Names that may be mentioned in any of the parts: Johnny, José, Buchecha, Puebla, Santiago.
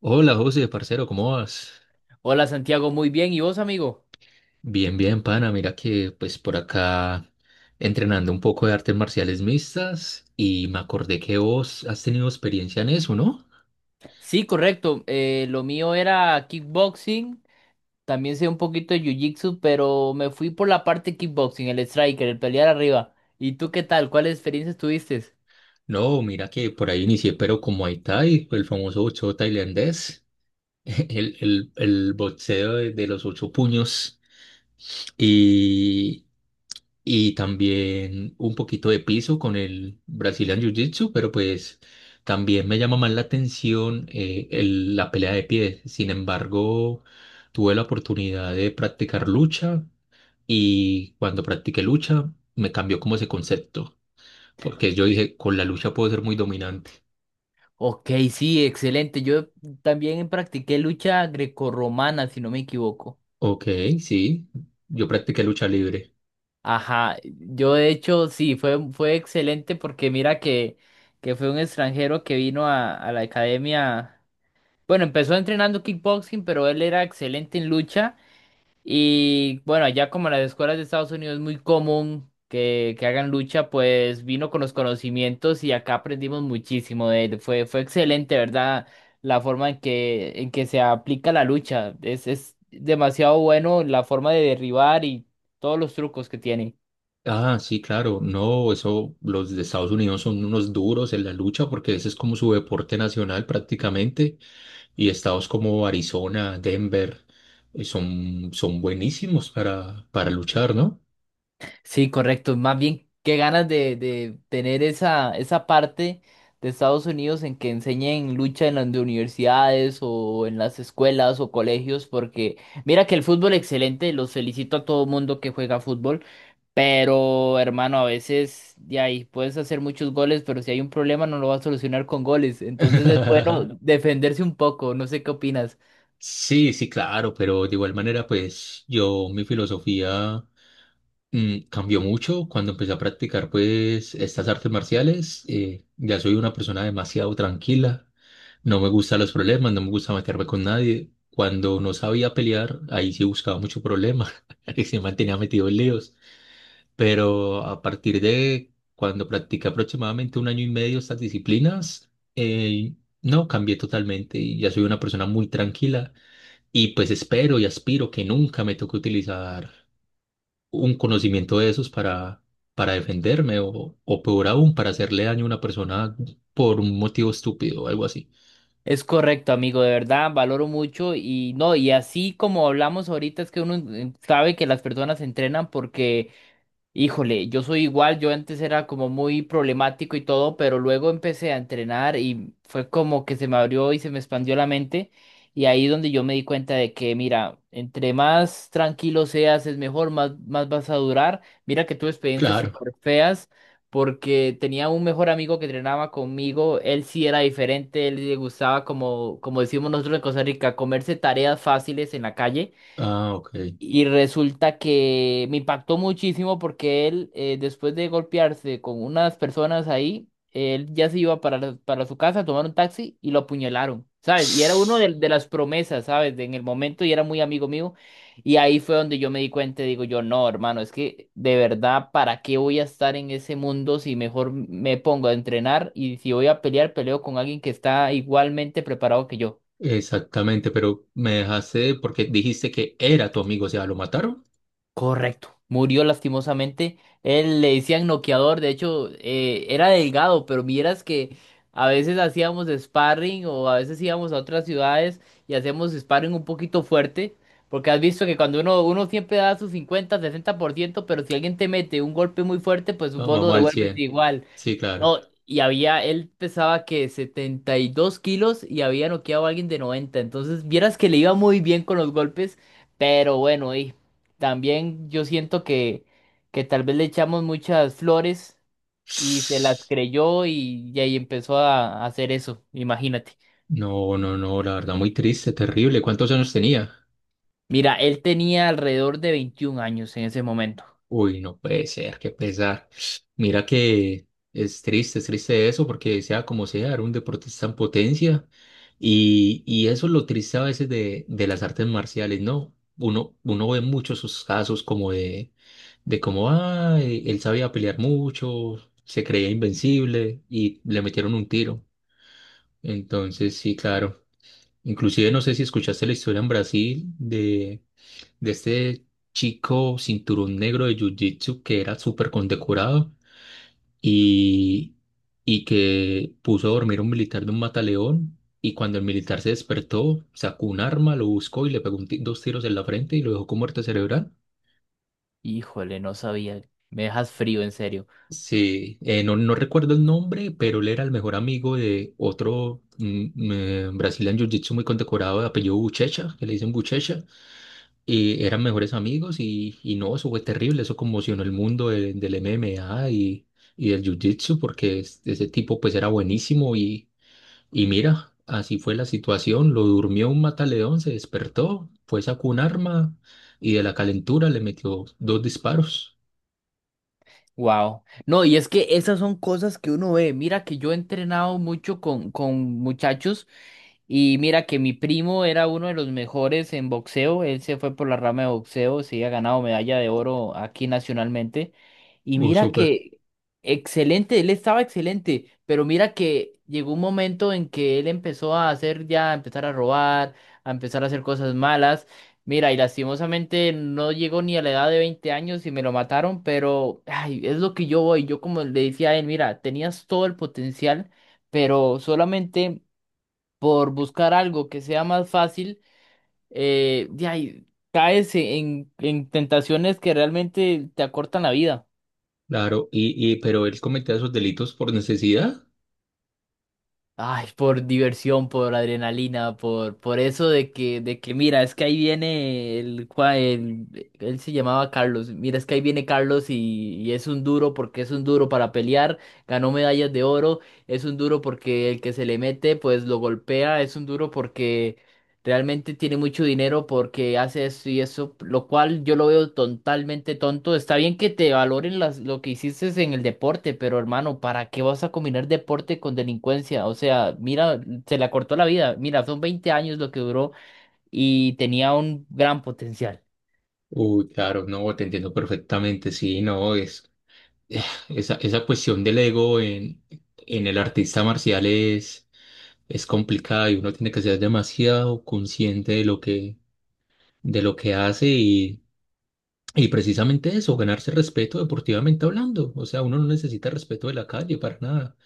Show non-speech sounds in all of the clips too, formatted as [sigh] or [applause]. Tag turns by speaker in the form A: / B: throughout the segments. A: Hola José, parcero, ¿cómo vas?
B: Hola Santiago, muy bien. ¿Y vos, amigo?
A: Bien, bien, pana. Mira que pues por acá entrenando un poco de artes marciales mixtas y me acordé que vos has tenido experiencia en eso, ¿no?
B: Sí, correcto. Lo mío era kickboxing. También sé un poquito de jiu-jitsu, pero me fui por la parte kickboxing, el striker, el pelear arriba. ¿Y tú qué tal? ¿Cuáles experiencias tuviste?
A: No, mira que por ahí inicié, pero como Muay Thai, el famoso boxeo tailandés, [laughs] el boxeo de los ocho puños. Y, y también un poquito de piso con el Brazilian Jiu-Jitsu, pero pues también me llama más la atención el- la pelea de pie. Sin embargo, tuve la oportunidad de practicar lucha y cuando practiqué lucha me cambió como ese concepto, porque yo dije, con la lucha puedo ser muy dominante.
B: Ok, sí, excelente. Yo también practiqué lucha grecorromana, si no me equivoco.
A: Ok, sí, yo practiqué lucha libre.
B: Ajá, yo de hecho sí, fue excelente porque mira que, fue un extranjero que vino a la academia. Bueno, empezó entrenando kickboxing, pero él era excelente en lucha. Y bueno, allá como en las escuelas de Estados Unidos es muy común que, hagan lucha, pues vino con los conocimientos y acá aprendimos muchísimo de él. Fue excelente, ¿verdad? La forma en que se aplica la lucha. Es demasiado bueno la forma de derribar y todos los trucos que tienen.
A: Ah, sí, claro. No, eso, los de Estados Unidos son unos duros en la lucha porque ese es como su deporte nacional prácticamente. Y estados como Arizona, Denver, son, son buenísimos para luchar, ¿no?
B: Sí, correcto. Más bien, qué ganas de, tener esa parte de Estados Unidos en que enseñen lucha en las de universidades o en las escuelas o colegios, porque mira que el fútbol excelente, los felicito a todo mundo que juega fútbol, pero hermano, a veces de ahí puedes hacer muchos goles, pero si hay un problema no lo vas a solucionar con goles, entonces es
A: [laughs]
B: bueno defenderse un poco, no sé qué opinas.
A: Sí, sí, claro, pero de igual manera, pues yo, mi filosofía. Cambió mucho cuando empecé a practicar pues estas artes marciales. Ya soy una persona demasiado tranquila. No me gustan los problemas, no me gusta meterme con nadie. Cuando no sabía pelear, ahí sí buscaba mucho problema. [laughs] Y se mantenía metido en líos. Pero a partir de cuando practiqué aproximadamente un año y medio estas disciplinas, eh, no, cambié totalmente y ya soy una persona muy tranquila. Y pues espero y aspiro que nunca me toque utilizar un conocimiento de esos para defenderme o peor aún, para hacerle daño a una persona por un motivo estúpido o algo así.
B: Es correcto, amigo, de verdad, valoro mucho y no, y así como hablamos ahorita es que uno sabe que las personas se entrenan porque. Híjole, yo soy igual, yo antes era como muy problemático y todo, pero luego empecé a entrenar y fue como que se me abrió y se me expandió la mente y ahí donde yo me di cuenta de que, mira, entre más tranquilo seas es mejor, más vas a durar. Mira que tuve experiencias
A: Claro.
B: súper feas porque tenía un mejor amigo que entrenaba conmigo, él sí era diferente, él le gustaba como decimos nosotros en Costa Rica, comerse tareas fáciles en la calle.
A: Ah, ok.
B: Y resulta que me impactó muchísimo porque él, después de golpearse con unas personas ahí, él ya se iba para su casa a tomar un taxi y lo apuñalaron, ¿sabes? Y era uno de, las promesas, ¿sabes? En el momento y era muy amigo mío. Y ahí fue donde yo me di cuenta y digo yo, no, hermano, es que de verdad, ¿para qué voy a estar en ese mundo si mejor me pongo a entrenar y si voy a pelear, peleo con alguien que está igualmente preparado que yo?
A: Exactamente, pero me dejaste porque dijiste que era tu amigo, o sea, ¿lo mataron?
B: Correcto. Murió lastimosamente. Él le decían noqueador, de hecho, era delgado, pero vieras que a veces hacíamos sparring o a veces íbamos a otras ciudades y hacíamos sparring un poquito fuerte, porque has visto que cuando uno, siempre da su 50, 60%, pero si alguien te mete un golpe muy fuerte, pues
A: Va-
B: vos lo
A: Vamos al
B: devuelves
A: cien.
B: igual.
A: Sí, claro.
B: No, y había, él pesaba que 72 kilos y había noqueado a alguien de 90. Entonces, vieras que le iba muy bien con los golpes, pero bueno, y también yo siento que, tal vez le echamos muchas flores y se las creyó y ahí empezó a hacer eso, imagínate.
A: No, no, no, la verdad, muy triste, terrible. ¿Cuántos años tenía?
B: Mira, él tenía alrededor de 21 años en ese momento.
A: Uy, no puede ser, qué pesar. Mira que es triste eso, porque sea como sea, era un deportista en potencia. Y eso es lo triste a veces de las artes marciales, ¿no? Uno, uno ve muchos esos casos como de cómo, ah, e- él sabía pelear mucho, se creía invencible y le metieron un tiro. Entonces, sí, claro. Inclusive no sé si escuchaste la historia en Brasil de este chico cinturón negro de Jiu-Jitsu que era súper condecorado y, y que puso a dormir a un militar de un mataleón y cuando el militar se despertó sacó un arma, lo buscó y le pegó un ti- dos tiros en la frente y lo dejó con muerte cerebral.
B: Híjole, no sabía. Me dejas frío, en serio.
A: Sí, no, no recuerdo el nombre, pero él era el mejor amigo de otro brasileño en Jiu-Jitsu muy condecorado de apellido Buchecha, que le dicen Buchecha. Y eran mejores amigos y no, eso fue terrible, eso conmocionó el mundo de- del MMA y del Jiu-Jitsu porque es- ese tipo pues era buenísimo y mira, así fue la situación, lo durmió un mataleón, se despertó, fue, sacó un arma y de la calentura le metió dos disparos.
B: Wow. No, y es que esas son cosas que uno ve. Mira que yo he entrenado mucho con muchachos. Y mira que mi primo era uno de los mejores en boxeo, él se fue por la rama de boxeo, sí ha ganado medalla de oro aquí nacionalmente. Y mira
A: Súper,
B: que excelente, él estaba excelente, pero mira que llegó un momento en que él empezó a hacer ya, a empezar a robar, a empezar a hacer cosas malas. Mira, y lastimosamente no llegó ni a la edad de 20 años y me lo mataron, pero ay, es lo que yo voy. Yo como le decía a él, mira, tenías todo el potencial, pero solamente por buscar algo que sea más fácil, de ahí caes en, tentaciones que realmente te acortan la vida.
A: claro, pero él cometía esos delitos por necesidad.
B: Ay, por diversión, por adrenalina, por eso de que, mira, es que ahí viene él se llamaba Carlos, mira, es que ahí viene Carlos y es un duro porque es un duro para pelear, ganó medallas de oro, es un duro porque el que se le mete, pues lo golpea, es un duro porque. Realmente tiene mucho dinero porque hace esto y eso, lo cual yo lo veo totalmente tonto. Está bien que te valoren las, lo que hiciste en el deporte, pero hermano, ¿para qué vas a combinar deporte con delincuencia? O sea, mira, se le acortó la vida. Mira, son 20 años lo que duró y tenía un gran potencial.
A: Uy, claro, no, te entiendo perfectamente, sí, no, es... eh, esa, esa cuestión del ego en el artista marcial es complicada y uno tiene que ser demasiado consciente de lo que hace y precisamente eso, ganarse respeto deportivamente hablando. O sea, uno no necesita respeto de la calle para nada.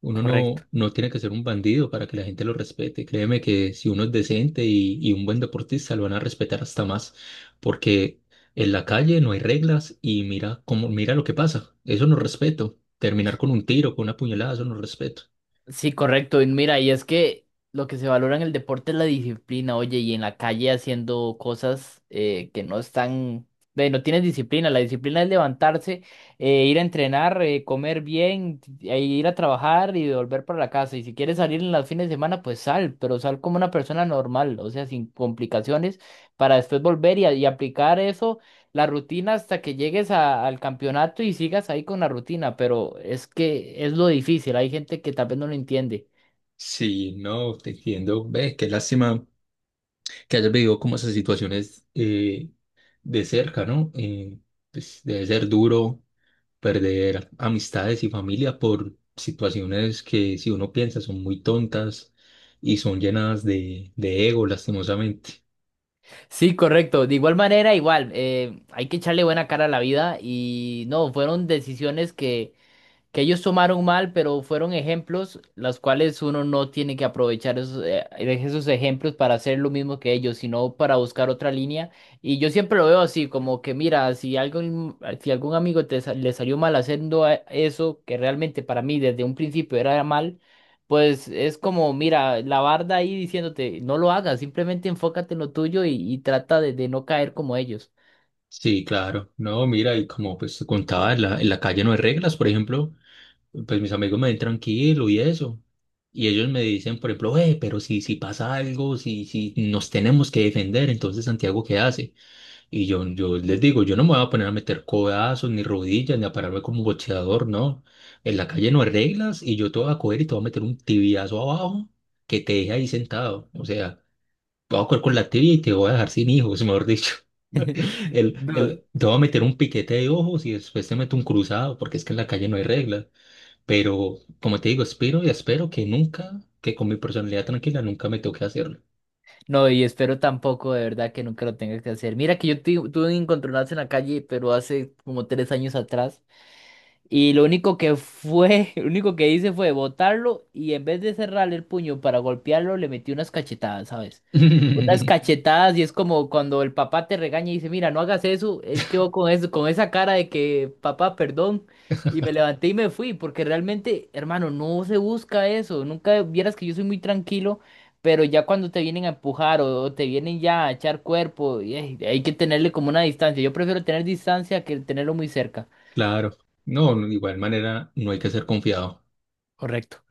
A: Uno
B: Correcto.
A: no, no tiene que ser un bandido para que la gente lo respete. Créeme que si uno es decente y un buen deportista, lo van a respetar hasta más, porque en la calle no hay reglas y mira cómo, mira lo que pasa. Eso no es respeto. Terminar con un tiro, con una puñalada, eso no es respeto.
B: Sí, correcto. Y mira, y es que lo que se valora en el deporte es la disciplina, oye, y en la calle haciendo cosas que no están, no tienes disciplina. La disciplina es levantarse, ir a entrenar, comer bien, e ir a trabajar y volver para la casa. Y si quieres salir en los fines de semana, pues sal, pero sal como una persona normal, o sea, sin complicaciones, para después volver y aplicar eso la rutina hasta que llegues al campeonato y sigas ahí con la rutina, pero es que es lo difícil, hay gente que tal vez no lo entiende.
A: Sí, no, te entiendo. Ve, qué lástima que hayas vivido como esas situaciones de cerca, ¿no? Pues debe ser duro perder amistades y familia por situaciones que si uno piensa son muy tontas y son llenadas de ego, lastimosamente.
B: Sí, correcto, de igual manera, igual, hay que echarle buena cara a la vida y no, fueron decisiones que ellos tomaron mal, pero fueron ejemplos los cuales uno no tiene que aprovechar esos ejemplos para hacer lo mismo que ellos, sino para buscar otra línea. Y yo siempre lo veo así, como que mira, si algún amigo le salió mal haciendo eso, que realmente para mí desde un principio era mal, pues es como, mira, la barda ahí diciéndote, no lo hagas, simplemente enfócate en lo tuyo y trata de, no caer como ellos.
A: Sí, claro. No, mira, y como pues te contaba, en la calle no hay reglas, por ejemplo, pues mis amigos me ven tranquilo y eso. Y ellos me dicen, por ejemplo, pero si, si pasa algo, si, si nos tenemos que defender, entonces Santiago, ¿qué hace? Y yo les digo, yo no me voy a poner a meter codazos, ni rodillas, ni a pararme como boxeador, no. En la calle no hay reglas y yo te voy a coger y te voy a meter un tibiazo abajo que te deje ahí sentado. O sea, te voy a coger con la tibia y te voy a dejar sin hijos, mejor dicho. [laughs]
B: [laughs] No,
A: Te voy a meter un piquete de ojos y después te meto un cruzado, porque es que en la calle no hay reglas. Pero, como te digo, espero y espero que nunca, que con mi personalidad tranquila, nunca me toque hacerlo.
B: no, y espero tampoco, de verdad, que nunca lo tenga que hacer. Mira que yo tuve un encontronazo en la calle, pero hace como 3 años atrás. Y lo único que fue, [laughs] lo único que hice fue botarlo y en vez de cerrarle el puño para golpearlo, le metí unas cachetadas, ¿sabes? Unas
A: [laughs]
B: cachetadas y es como cuando el papá te regaña y dice, mira, no hagas eso, él quedó con eso, con esa cara de que, papá, perdón, y me levanté y me fui, porque realmente, hermano, no se busca eso, nunca vieras que yo soy muy tranquilo, pero ya cuando te vienen a empujar o, te vienen ya a echar cuerpo, hay que tenerle como una distancia, yo prefiero tener distancia que tenerlo muy cerca.
A: Claro. No, no, de igual manera no hay que ser confiado.
B: Correcto.